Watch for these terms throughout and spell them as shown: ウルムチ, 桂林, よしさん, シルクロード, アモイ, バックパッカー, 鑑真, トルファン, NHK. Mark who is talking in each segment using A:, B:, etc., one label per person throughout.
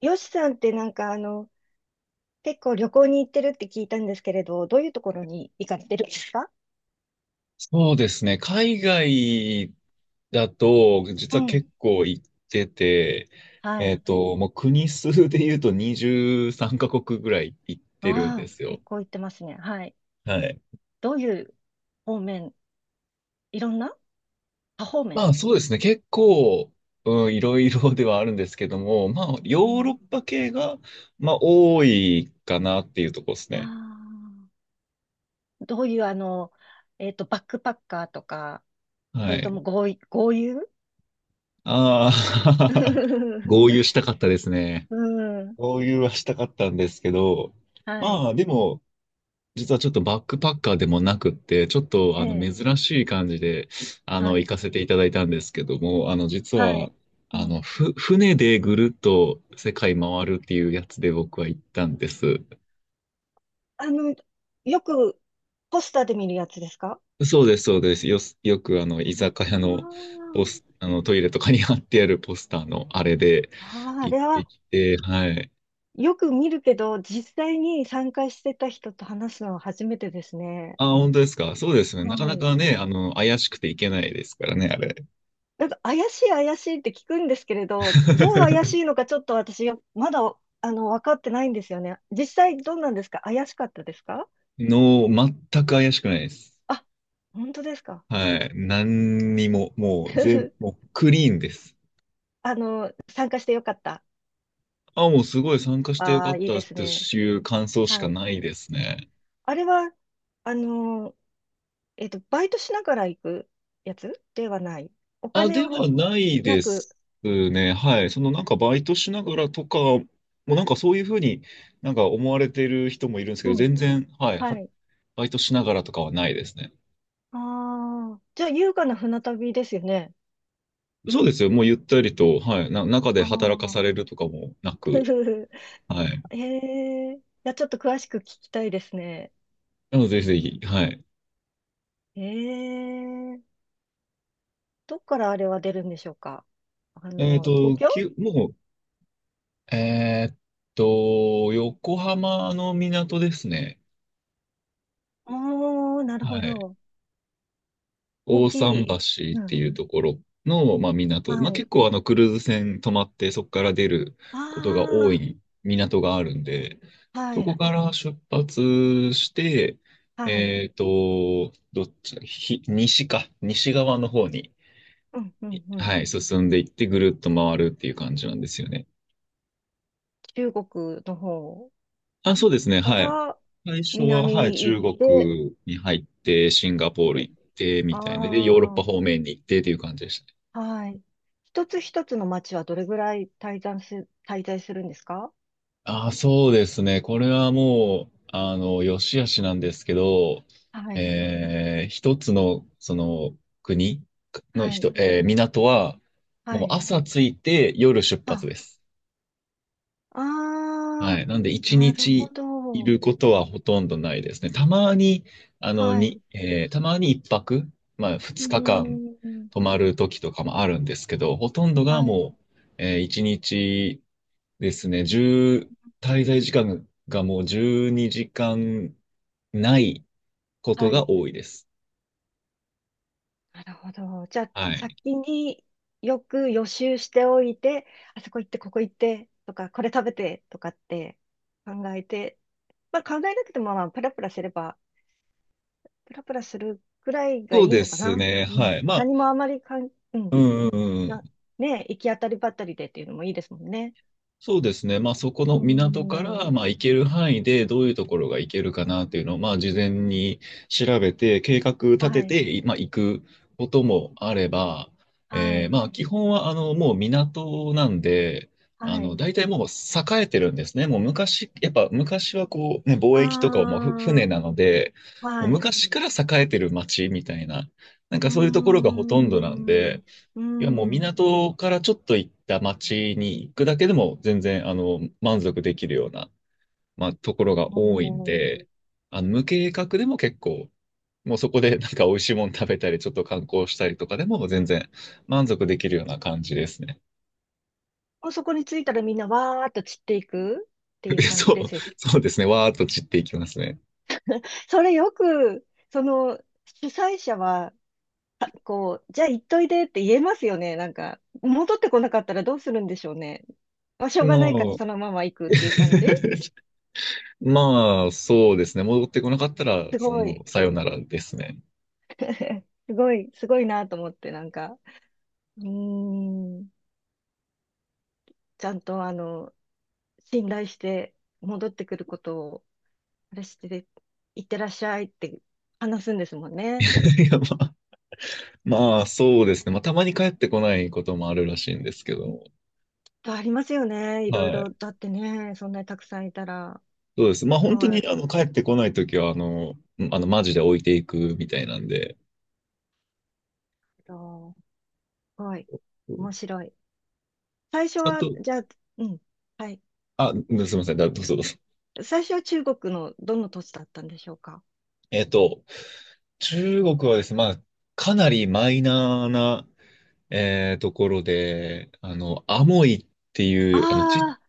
A: よしさんってなんか結構旅行に行ってるって聞いたんですけれど、どういうところに行かれてるんですか？
B: そうですね。海外だと、実
A: う
B: は
A: ん。
B: 結構行ってて、
A: はい。
B: もう国数で言うと23カ国ぐらい行ってるん
A: あ
B: で
A: あ、
B: すよ。
A: 結構行ってますね。はい。
B: はい。
A: どういう方面、いろんな多方
B: ま
A: 面。
B: あそうですね。結構、うん、いろいろではあるんですけども、まあヨ
A: う
B: ーロッ
A: ん。
B: パ系が、まあ多いかなっていうとこですね。
A: ああ、どういう、バックパッカーとか、そ
B: は
A: れと
B: い。
A: も豪遊
B: ああ 合流したかったですね。
A: うん。
B: 合流はしたかったんですけど、
A: はい。
B: まあでも、実はちょっとバックパッカーでもなくって、ちょっと
A: ええ。
B: 珍しい感じで、
A: は
B: 行
A: い。
B: かせていただいたんですけども、実
A: は
B: は、
A: い。うん。
B: 船でぐるっと世界回るっていうやつで僕は行ったんです。
A: あの、よくポスターで見るやつですか？
B: そうです、そうです。よく居酒屋のポ
A: あ
B: ス、
A: あ
B: あの、トイレとかに貼ってあるポスターのあれで
A: ああ、あ
B: 行
A: れ
B: って
A: は
B: きて、はい。
A: よく見るけど、実際に参加してた人と話すのは初めてですね。
B: あ、本当ですか。そうですね。なか
A: は
B: な
A: い。
B: かね、怪しくていけないですからね、あれ。
A: なんか怪しい怪しいって聞くんですけれど、どう怪し いのかちょっと私よ、まだ、分かってないんですよね。実際どうなんですか？怪しかったですか？
B: 全く怪しくないです。
A: あ、本当ですか？
B: はい。何にも、もう全、も うクリーンです。
A: 参加してよかった。
B: あ、もうすごい参加してよ
A: あ
B: か
A: あ、
B: っ
A: いい
B: たっ
A: です
B: て
A: ね。
B: いう感想し
A: は
B: か
A: い。
B: ないですね。
A: あれは、あの、バイトしながら行くやつではない。お
B: あ、
A: 金
B: で
A: は
B: はない
A: な
B: で
A: く、
B: すね。はい。そのなんかバイトしながらとか、もうなんかそういうふうになんか思われてる人もいるんですけ
A: う
B: ど、
A: ん、
B: 全然、はい。
A: はい。
B: バイトしながらとかはないですね。
A: ああ、じゃあ優雅な船旅ですよね。
B: そうですよ。もうゆったりと、はい。中で
A: あ
B: 働かされ
A: あ。
B: るとかもなく、はい。
A: へえ。いや、ちょっと詳しく聞きたいですね。
B: なので、ぜひぜひ、はい。
A: ええ。どっからあれは出るんでしょうか？東京、
B: もうえーっ横浜の港ですね。
A: おー、なる
B: は
A: ほ
B: い。
A: ど。大
B: 大
A: き
B: 桟橋
A: い。う
B: って
A: ん。
B: いうところの、まあ、港。ま
A: は
B: あ、結
A: い。
B: 構クルーズ船泊まってそこから出ることが多
A: あ
B: い港があるんで、
A: あ、は
B: そこ
A: い。
B: から出発して、
A: はい。
B: どっちだ、西か、西側の方に、
A: うん、うん、うん。
B: はい、進んでいってぐるっと回るっていう感じなんですよね。
A: 中国の方
B: あ、そうですね。
A: か
B: はい。
A: ら
B: 最初は、
A: 南
B: はい、
A: に行
B: 中
A: って、
B: 国に入って、シンガポール行って、みたいな。で、ヨーロッ
A: あ
B: パ方
A: あ、
B: 面に行ってっていう感じでしたね。
A: はい。一つ一つの町はどれぐらい滞在するんですか？
B: ああ、そうですね。これはもう、よしあしなんですけど、
A: はい、
B: 一つの、国の
A: は
B: 人、
A: い、
B: えー港は、
A: は
B: もう
A: い。
B: 朝着いて夜出発
A: あ、
B: です。
A: あ
B: はい。なんで、
A: ー、
B: 一
A: なるほ
B: 日い
A: ど。
B: ることはほとんどないですね。たまに、あの、
A: はい。
B: に、
A: う
B: えーたまに一泊、まあ、
A: ー
B: 2日間
A: ん。
B: 泊まる時とかもあるんですけど、ほとんど
A: は
B: が
A: い。
B: もう、一日ですね、滞在時間がもう12時間ないこと
A: は
B: が
A: い。
B: 多いです。
A: なるほど。じゃあ、
B: はい。
A: 先によく予習しておいて、あそこ行って、ここ行って、とか、これ食べて、とかって考えて、まあ考えなくても、まあ、プラプラすれば、プラプラするくらいが
B: そ
A: い
B: う
A: い
B: で
A: のか
B: す
A: な。
B: ね。
A: うん。
B: はい。まあ、
A: 何もあまりう
B: う
A: ん。
B: んうんうん。
A: な、ね、行き当たりばったりでっていうのもいいですもんね。
B: そうですね。まあ、そこ
A: うー
B: の港から、
A: ん。
B: まあ、行ける範囲でどういうところが行けるかなっていうのを、まあ、事前に調べて、計画立て
A: はい、
B: て、まあ、行くこともあれば、
A: はい、
B: まあ、基本は、もう港なんで、
A: はい。
B: 大体もう栄えてるんですね。もう昔、やっぱ昔はこう、ね、貿易とかはもう
A: あ
B: 船なので、
A: あ、
B: もう
A: はい。
B: 昔から栄えてる町みたいな、なん
A: う
B: か
A: ー
B: そういうところがほとんどなん
A: ん、う
B: で、
A: ー
B: いや、もう
A: ん。
B: 港からちょっと行った町に行くだけでも全然、満足できるような、まあ、ところが
A: お
B: 多いん
A: ー、
B: で、無計画でも結構、もうそこで なんか美味しいもの食べたり、ちょっと観光したりとかでも全然満足できるような感じですね。
A: もうそこに着いたらみんなわーっと散っていくっていう 感じで
B: そう、
A: すよ。
B: そうですね。わーっと散っていきますね。
A: それよく、その、主催者は、あ、こう、じゃあ行っといでって言えますよね。なんか、戻ってこなかったらどうするんでしょうね。まあ、しょうがないから
B: もう、
A: そのまま行くっていう感じ、
B: まあ、そうですね。戻ってこなかったら、
A: すごい。
B: さよならですね。
A: すごい、すごいなと思って、なんか、うーん、ちゃんと信頼して戻ってくることを、あれしてて、いってらっしゃいって話すんですもん ね。
B: いや、まあ、そうですね。まあ、たまに帰ってこないこともあるらしいんですけど、
A: ありますよね。いろい
B: は
A: ろ。
B: い。
A: だってね、そんなにたくさんいたら、
B: そうです。まあ
A: す
B: 本当
A: ご
B: に
A: い、
B: 帰ってこないときは、マジで置いていくみたいなんで、
A: と、すごい、
B: うん、
A: 面白い。最初
B: ちゃん
A: は、
B: と、
A: じゃあ、うん、はい。
B: あ、うん、すみません、どうぞどうぞ。
A: 最初は中国のどの土地だったんでしょうか。
B: えっと、中国はですね、まあ、かなりマイナーな、ところで、アモイっていう、
A: ああ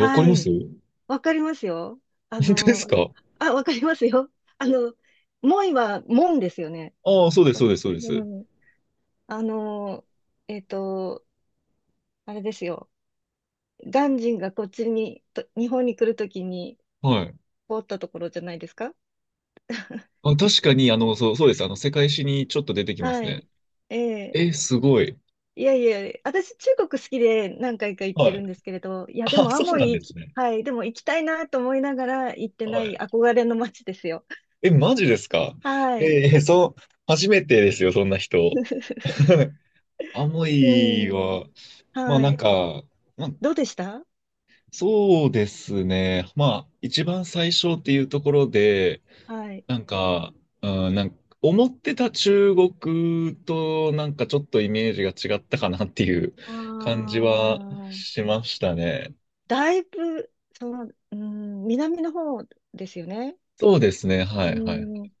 A: ー、
B: か
A: は
B: ります？
A: い。わかりますよ。あ
B: 本当です
A: の、
B: か？
A: わかりますよ。あの、門は門ですよね。
B: ああ、そうです、
A: う
B: そうで
A: ん、
B: す、そうです。
A: うん。あの、えっと、あれですよ。鑑真がこっちに、と日本に来るときに
B: はい。
A: 通ったところじゃないですか。
B: あ、確かに、そう、そうです。世界史にちょっと出てきます
A: は
B: ね。
A: い。ええ、
B: え、すごい。
A: いやいや、私、中国好きで何回か行って
B: はい。
A: るんですけれど、いや、で
B: あ、
A: も、ア
B: そう
A: モ
B: なん
A: イ
B: です
A: 行き、
B: ね。
A: はい、でも行きたいなと思いながら行ってな
B: は
A: い
B: い。
A: 憧れの街ですよ。
B: え、マジですか？
A: はい。
B: ええ、そう、初めてですよ、そんな人。アモ
A: う
B: イ
A: ん。
B: は、まあ
A: は
B: なん
A: い。
B: か、まあ、
A: どうでした？
B: そうですね。まあ、一番最初っていうところで、
A: はい。
B: なんか、うん、なんか、思ってた中国となんかちょっとイメージが違ったかなっていう
A: あ
B: 感じは
A: あ、
B: しましたね。
A: だいぶ、うん、南の方ですよね。
B: そうですね。はいはい。
A: うん。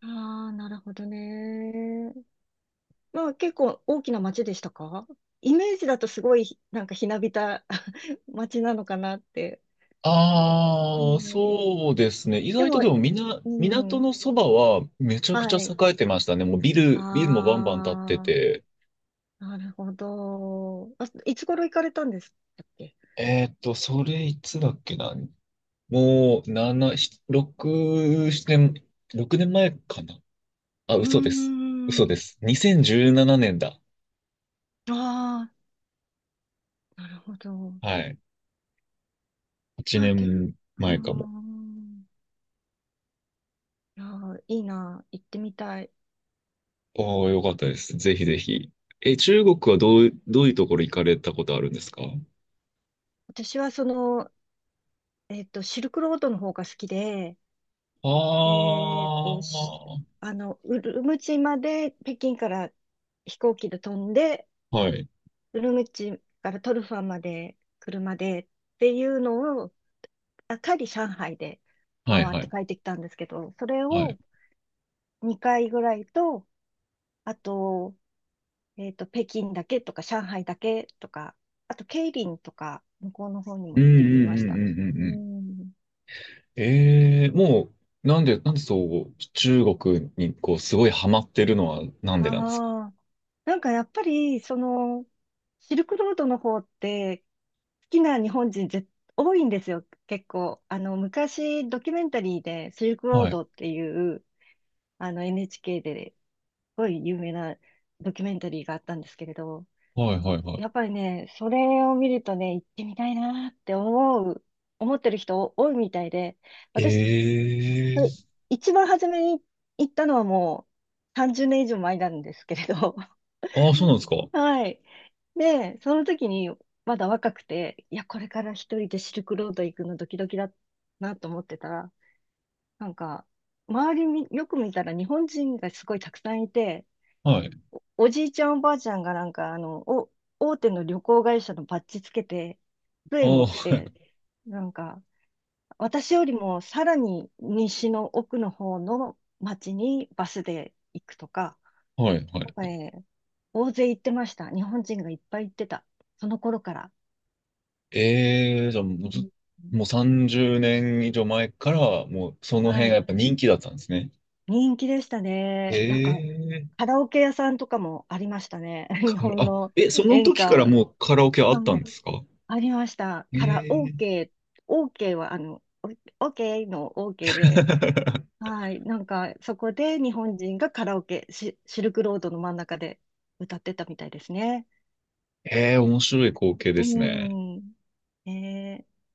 A: ああ、なるほどね。まあ結構大きな町でしたか？イメージだとすごいなんかひなびた 町なのかなって。は
B: ああ、
A: い。
B: そうですね。意
A: で
B: 外と
A: も、
B: でも
A: う
B: 港
A: ん。
B: のそばはめちゃく
A: は
B: ちゃ
A: い。
B: 栄えてましたね。もうビルもバンバン建って
A: あ
B: て。
A: あ、なるほど。あ、いつ頃行かれたんですっけ？
B: それいつだっけな。もう、7、6、7年、6年前かな。あ、
A: うー
B: 嘘です。嘘
A: ん。
B: です。2017年だ。
A: ああ、なるほど。
B: はい。
A: じ
B: 8
A: ゃあ、う
B: 年
A: ー
B: 前かも。
A: ん。いやー、いいな。行ってみたい。
B: おー、よかったです。ぜひぜひ。え、中国はどういうところ行かれたことあるんですか？
A: 私はシルクロードの方が好きで、
B: あ
A: し
B: あ
A: あの、ウルムチまで北京から飛行機で飛んで、
B: ー、はい
A: ウルムチからトルファンまで車でっていうのを、あ、帰り上海で
B: はい
A: 回っ
B: は
A: て
B: い。
A: 帰ってきたんですけど、それ
B: はい。
A: を2回ぐらいと、あと、北京だけとか、上海だけとか、あと、桂林とか、向こうの方に
B: う
A: も
B: んう
A: 行ってみ
B: ん
A: ま
B: う
A: し
B: んう
A: た。
B: んう
A: う
B: んうん。
A: ん。
B: ええ、もう、なんでそう、中国にこう、すごいハマってるのはなんでなんですか？
A: ああ、なんかやっぱり、シルクロードの方って、好きな日本人多いんですよ、結構。昔、ドキュメンタリーで、シルクロー
B: はい。
A: ドっていう、NHK ですごい有名なドキュメンタリーがあったんですけれど、
B: はいはいは
A: やっぱりね、それを見るとね、行ってみたいなって思ってる人多いみたいで、私、
B: い。
A: それ
B: ええ、
A: 一番初めに行ったのはもう30年以上前なんですけれど、
B: ああ、そうなんですか？
A: はい。で、その時にまだ若くて、いや、これから一人でシルクロード行くのドキドキだなと思ってたら、なんか、周りみよく見たら日本人がすごいたくさんいて、
B: はい。
A: おじいちゃんおばあちゃんがなんか、大手の旅行会社のバッジつけて、
B: ああ、
A: 杖持 って、
B: は
A: なんか、私よりもさらに西の奥の方の町にバスで行くとか、
B: いはいは
A: なんか
B: い。
A: ね、大勢行ってました。日本人がいっぱい行ってた。その頃から。
B: ええ、じゃあもう
A: う
B: ず、
A: ん、
B: もう30年以上前から、もうその
A: は
B: 辺が
A: い。
B: やっぱ人気だったんですね。
A: 人気でした
B: へ
A: ね。なんか、
B: え、
A: カラオケ屋さんとかもありましたね。
B: か
A: 日本
B: あ、
A: の
B: え、その
A: 演
B: 時
A: 歌
B: か
A: を。
B: ら
A: は
B: もうカラオケあったんで
A: い、
B: すか？
A: ありました。
B: え
A: から、
B: え
A: OK、OK は、OK の OK で、はい、なんか、そこで日本人がカラオケ、シルクロードの真ん中で歌ってたみたいですね。
B: ええ、面白い光景で
A: う
B: すね。
A: ん。ねえ